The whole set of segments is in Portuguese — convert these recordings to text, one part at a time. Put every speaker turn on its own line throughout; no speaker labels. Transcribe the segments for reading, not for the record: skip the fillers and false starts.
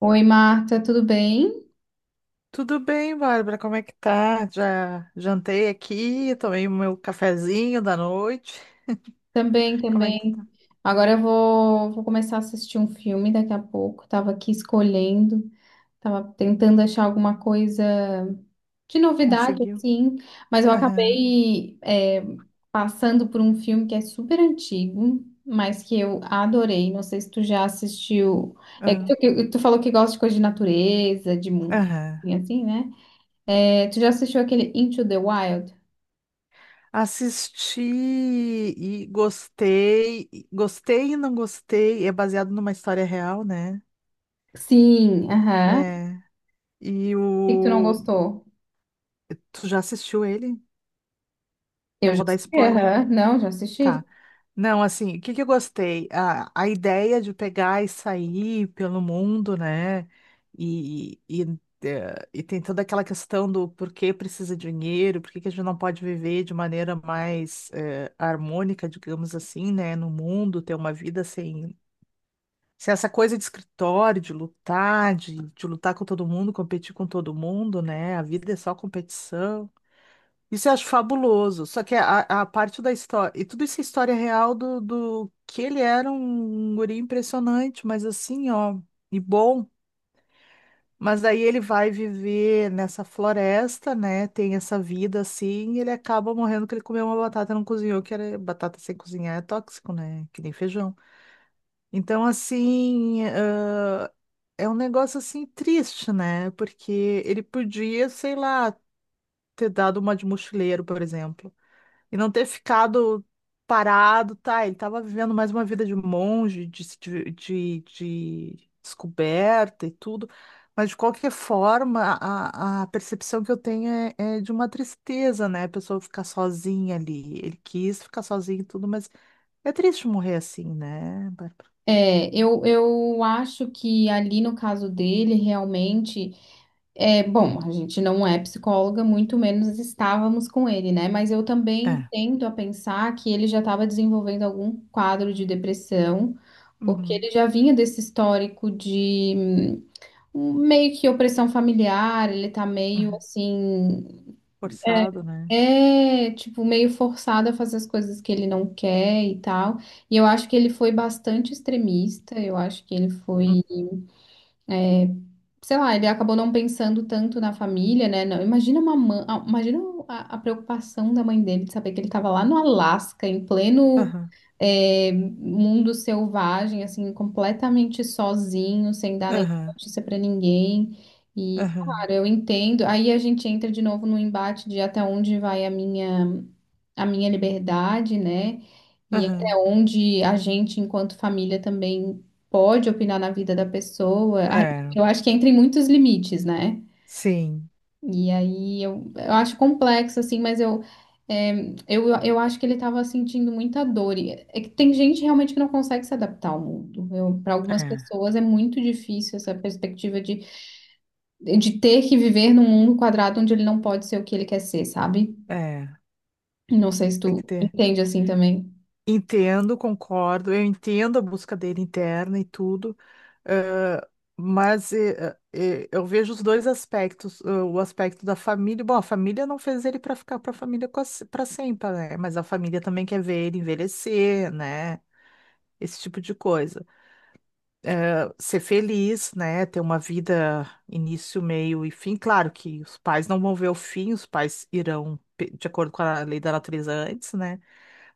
Oi, Marta, tudo bem?
Tudo bem, Bárbara? Como é que tá? Já jantei aqui, tomei o meu cafezinho da noite.
Também,
Como é que tu tá?
também. Agora eu vou começar a assistir um filme daqui a pouco. Tava aqui escolhendo, tava tentando achar alguma coisa de novidade,
Conseguiu?
assim, mas eu
Aham,
acabei passando por um filme que é super antigo, mas que eu adorei. Não sei se tu já assistiu. É que tu,
aham,
que tu falou que gosta de coisa de natureza, de mundo,
aham.
assim, assim, né? É, tu já assistiu aquele Into the Wild?
Assisti e gostei, gostei e não gostei. É baseado numa história real, né?
Sim, aham. Por
É. E
que que tu não
o.
gostou?
Tu já assistiu ele?
Eu
Não
já
vou dar
assisti,
spoiler.
aham. Não, já assisti.
Tá. Não, assim, o que que eu gostei? A ideia de pegar e sair pelo mundo, né? E, e, e tem toda aquela questão do por que precisa de dinheiro, por que que a gente não pode viver de maneira mais harmônica, digamos assim, né? No mundo, ter uma vida sem, sem essa coisa de escritório, de lutar, de lutar com todo mundo, competir com todo mundo, né? A vida é só competição. Isso eu acho fabuloso. Só que a parte da história. E tudo isso é história real do que ele era um guri impressionante, mas assim, ó, e bom. Mas daí ele vai viver nessa floresta, né? Tem essa vida assim, e ele acaba morrendo porque ele comeu uma batata e não cozinhou, que era batata sem cozinhar é tóxico, né? Que nem feijão. Então, assim, é um negócio assim triste, né? Porque ele podia, sei lá, ter dado uma de mochileiro, por exemplo. E não ter ficado parado, tá? Ele estava vivendo mais uma vida de monge, de, se de, de descoberta e tudo, mas de qualquer forma, a percepção que eu tenho é, é de uma tristeza, né? A pessoa ficar sozinha ali. Ele quis ficar sozinho e tudo, mas é triste morrer assim, né, Bárbara?
É, eu acho que ali no caso dele, realmente, é, bom, a gente não é psicóloga, muito menos estávamos com ele, né? Mas eu também
É.
tendo a pensar que ele já estava desenvolvendo algum quadro de depressão, porque
Uhum.
ele já vinha desse histórico de meio que opressão familiar, ele tá meio
Uhum.
assim. É,
Forçado, né?
é, tipo, meio forçado a fazer as coisas que ele não quer e tal. E eu acho que ele foi bastante extremista. Eu acho que ele
Uhum.
foi, sei lá, ele acabou não pensando tanto na família, né? Não, imagina uma mãe, ah, imagina a preocupação da mãe dele de saber que ele estava lá no Alasca, em pleno,
Aham,
é, mundo selvagem, assim, completamente sozinho, sem dar nenhuma
aham,
notícia pra ninguém. E,
aham,
claro, eu entendo. Aí a gente entra de novo no embate de até onde vai a minha liberdade, né? E até
aham.
onde a gente, enquanto família, também pode opinar na vida da pessoa. Ai,
É,
eu acho que entra em muitos limites, né?
sim,
E aí eu acho complexo, assim, mas eu, é, eu acho que ele estava sentindo muita dor. E é que tem gente realmente que não consegue se adaptar ao mundo. Para algumas
é,
pessoas é muito difícil essa perspectiva de ter que viver num mundo quadrado onde ele não pode ser o que ele quer ser, sabe?
é.
Não sei se
Tem
tu
que ter.
entende assim também.
Entendo, concordo, eu entendo a busca dele interna e tudo, eh, mas eu vejo os dois aspectos, o aspecto da família, bom, a família não fez ele para ficar para a família para sempre, né? Mas a família também quer ver ele envelhecer, né? Esse tipo de coisa ser feliz, né? Ter uma vida início, meio e fim. Claro que os pais não vão ver o fim, os pais de acordo com a lei da natureza antes, né?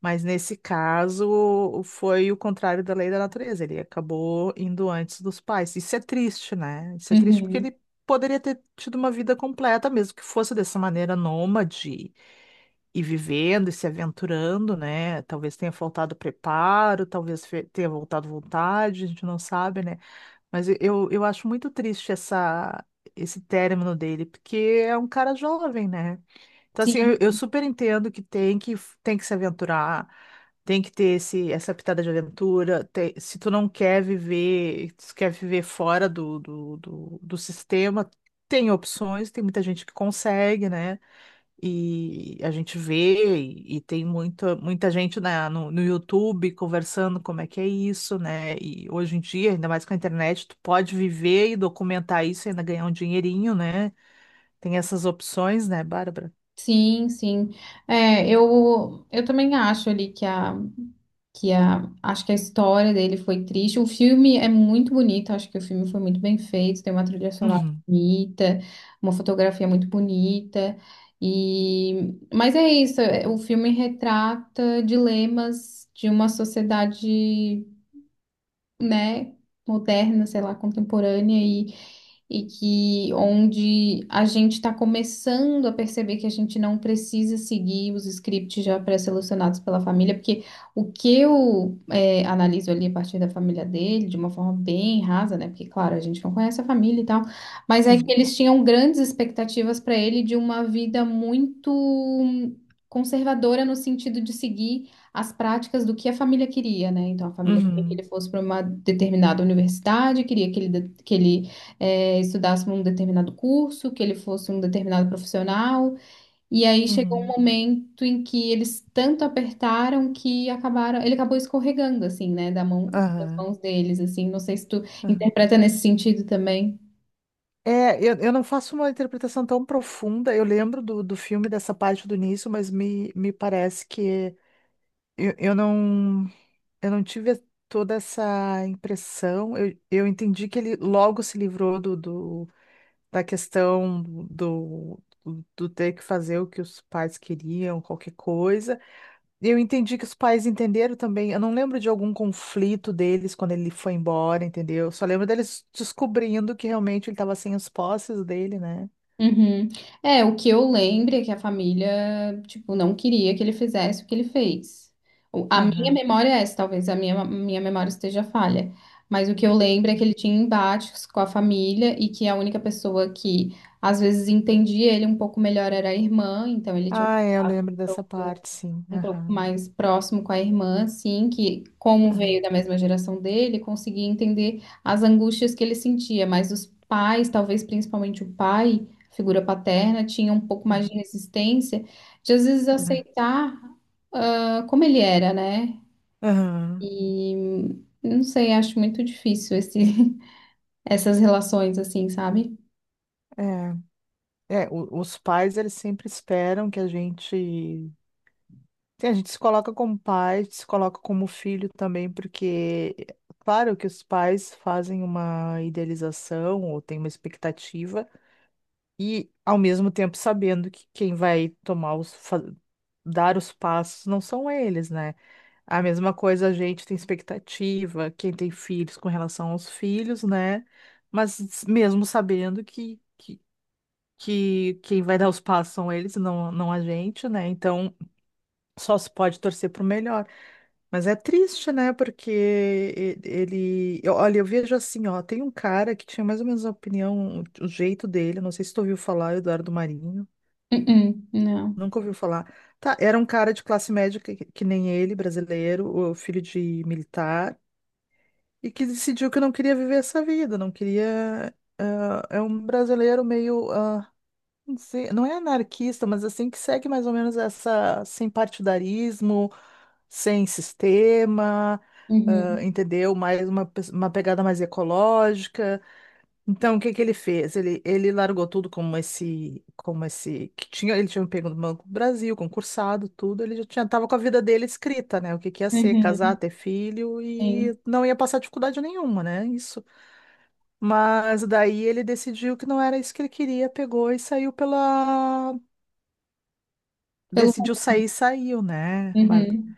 Mas nesse caso foi o contrário da lei da natureza. Ele acabou indo antes dos pais. Isso é triste, né? Isso é triste porque
Uhum.
ele poderia ter tido uma vida completa, mesmo que fosse dessa maneira nômade e vivendo e se aventurando, né? Talvez tenha faltado preparo, talvez tenha voltado vontade, a gente não sabe, né? Mas eu acho muito triste essa, esse término dele, porque é um cara jovem, né? Então, assim,
Sim,
eu super entendo que tem que, tem que se aventurar, tem que ter essa pitada de aventura. Se tu não quer viver, se tu quer viver fora do sistema, tem opções, tem muita gente que consegue, né? E a gente vê, e tem muita gente na, no, no YouTube conversando como é que é isso, né? E hoje em dia, ainda mais com a internet, tu pode viver e documentar isso e ainda ganhar um dinheirinho, né? Tem essas opções, né, Bárbara?
sim, sim. É, eu também acho ali que acho que a história dele foi triste. O filme é muito bonito, acho que o filme foi muito bem feito, tem uma trilha sonora
Uhum,
bonita, uma fotografia muito bonita. E, mas é isso, é, o filme retrata dilemas de uma sociedade, né, moderna, sei lá, contemporânea e que onde a gente está começando a perceber que a gente não precisa seguir os scripts já pré-selecionados pela família, porque o que eu analiso ali a partir da família dele, de uma forma bem rasa, né? Porque, claro, a gente não conhece a família e tal, mas é que
sim.
eles tinham grandes expectativas para ele de uma vida muito conservadora no sentido de seguir as práticas do que a família queria, né? Então, a família queria que ele
Uhum,
fosse para uma determinada universidade, queria que ele estudasse um determinado curso, que ele fosse um determinado profissional. E aí chegou um
uhum,
momento em que eles tanto apertaram que acabaram, ele acabou escorregando assim, né, da mão, das
aham,
mãos deles, assim. Não sei se tu
aham.
interpreta nesse sentido também.
É, eu não faço uma interpretação tão profunda. Eu lembro do filme dessa parte do início, mas me parece que eu não. Eu não tive toda essa impressão. Eu entendi que ele logo se livrou da questão do, do ter que fazer o que os pais queriam, qualquer coisa. Eu entendi que os pais entenderam também. Eu não lembro de algum conflito deles quando ele foi embora, entendeu? Só lembro deles descobrindo que realmente ele estava sem os posses dele, né?
Uhum. É, o que eu lembro é que a família, tipo, não queria que ele fizesse o que ele fez. O- A minha
Aham.
memória é essa, talvez a minha memória esteja falha. Mas o que eu lembro é que ele tinha embates com a família e que a única pessoa que às vezes entendia ele um pouco melhor era a irmã, então ele tinha um
Ah, é, eu
contato
lembro dessa parte, sim.
um pouco
Aham,
mais próximo com a irmã, assim, que como veio
aham,
da mesma geração dele, conseguia entender as angústias que ele sentia, mas os pais, talvez principalmente o pai, a figura paterna, tinha um pouco mais
aham,
de resistência de às vezes
aham,
aceitar ah, como ele era, né?
aham.
E não sei, acho muito difícil esse, essas relações assim, sabe?
É. É, os pais, eles sempre esperam que a gente. Sim, a gente se coloca como pai, se coloca como filho também, porque, claro que os pais fazem uma idealização ou têm uma expectativa, e ao mesmo tempo sabendo que quem vai tomar dar os passos não são eles, né? A mesma coisa, a gente tem expectativa, quem tem filhos com relação aos filhos, né? Mas mesmo sabendo que quem vai dar os passos são eles, não, não a gente, né? Então só se pode torcer pro melhor. Mas é triste, né? Porque ele. Olha, eu vejo assim, ó, tem um cara que tinha mais ou menos a opinião, o jeito dele, não sei se tu ouviu falar, Eduardo Marinho.
Uh-uh, não.
Nunca ouviu falar. Tá, era um cara de classe média que nem ele, brasileiro, o filho de militar, e que decidiu que não queria viver essa vida, não queria. Ah, é um brasileiro meio não sei, não é anarquista, mas assim que segue mais ou menos essa sem partidarismo, sem sistema, ah,
Uhum,
entendeu? Mais uma pegada mais ecológica. Então, o que que ele fez? Ele largou tudo como esse que tinha, ele tinha pego no Banco do Brasil, concursado, tudo. Ele já tinha, tava com a vida dele escrita, né? O que que ia ser, casar,
uhum,
ter filho
sim.
e não ia passar dificuldade nenhuma, né? Isso. Mas daí ele decidiu que não era isso que ele queria, pegou e saiu pela
Pelo...
decidiu sair, saiu, né, Bárbara?
Uhum.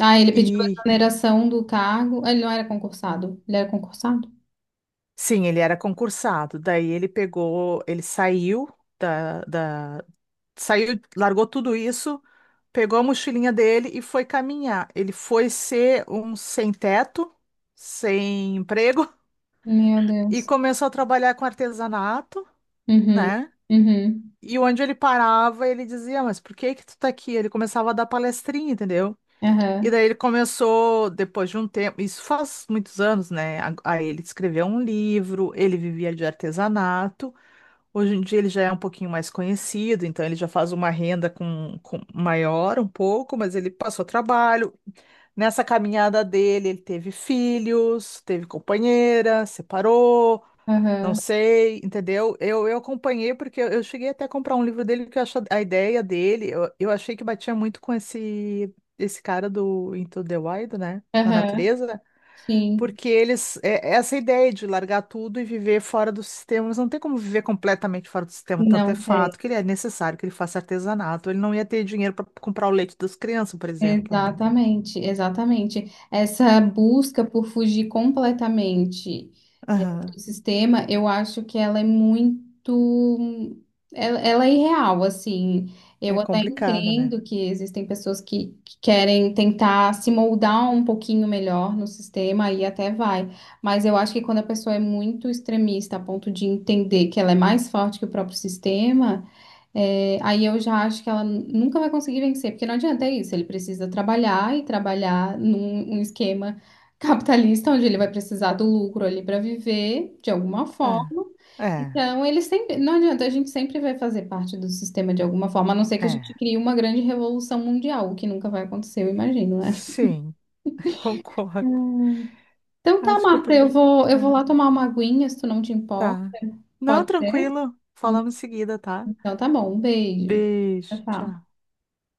Ah, ele pediu a
E
exoneração do cargo. Ele não era concursado. Ele era concursado?
sim, ele era concursado. Daí ele pegou, ele saiu da, da, saiu, largou tudo isso, pegou a mochilinha dele e foi caminhar. Ele foi ser um sem teto, sem emprego
Meu
e
Deus.
começou a trabalhar com artesanato,
Uhum.
né?
Uhum.
E onde ele parava, ele dizia, mas por que que tu tá aqui? Ele começava a dar palestrinha, entendeu? E
Aham.
daí ele começou, depois de um tempo, isso faz muitos anos, né? Aí ele escreveu um livro, ele vivia de artesanato. Hoje em dia ele já é um pouquinho mais conhecido, então ele já faz uma renda maior um pouco, mas ele passou trabalho. Nessa caminhada dele, ele teve filhos, teve companheira, separou. Não
Aham.
sei, entendeu? Eu acompanhei porque eu cheguei até a comprar um livro dele que eu acho a ideia dele, eu achei que batia muito com esse cara do Into the Wild, né? Na
Aham.
natureza,
Sim.
porque eles é essa ideia de largar tudo e viver fora do sistema, mas não tem como viver completamente fora do sistema, tanto é
Não tem.
fato que ele é necessário que ele faça artesanato, ele não ia ter dinheiro para comprar o leite das crianças, por exemplo, né?
Exatamente, exatamente. Essa busca por fugir completamente do
Aham.
sistema, eu acho que ela é muito. Ela é irreal, assim.
É
Eu até
complicado, né?
entendo que existem pessoas que querem tentar se moldar um pouquinho melhor no sistema e até vai. Mas eu acho que quando a pessoa é muito extremista a ponto de entender que ela é mais forte que o próprio sistema, é, aí eu já acho que ela nunca vai conseguir vencer, porque não adianta é isso. Ele precisa trabalhar e trabalhar num esquema capitalista, onde ele vai precisar do lucro ali para viver de alguma
É,
forma.
é,
Então, ele sempre, não adianta, a gente sempre vai fazer parte do sistema de alguma forma, a não ser que a gente
é.
crie uma grande revolução mundial, o que nunca vai acontecer, eu imagino, né?
Sim, concordo.
Então tá,
Acho que eu
Marta, eu
prefiro.
vou, eu vou lá tomar uma aguinha, se tu não te importa.
Tá. Não,
Pode ser?
tranquilo. Falamos em seguida, tá?
Então tá bom, um beijo. Tchau,
Beijo.
tchau.
Tchau.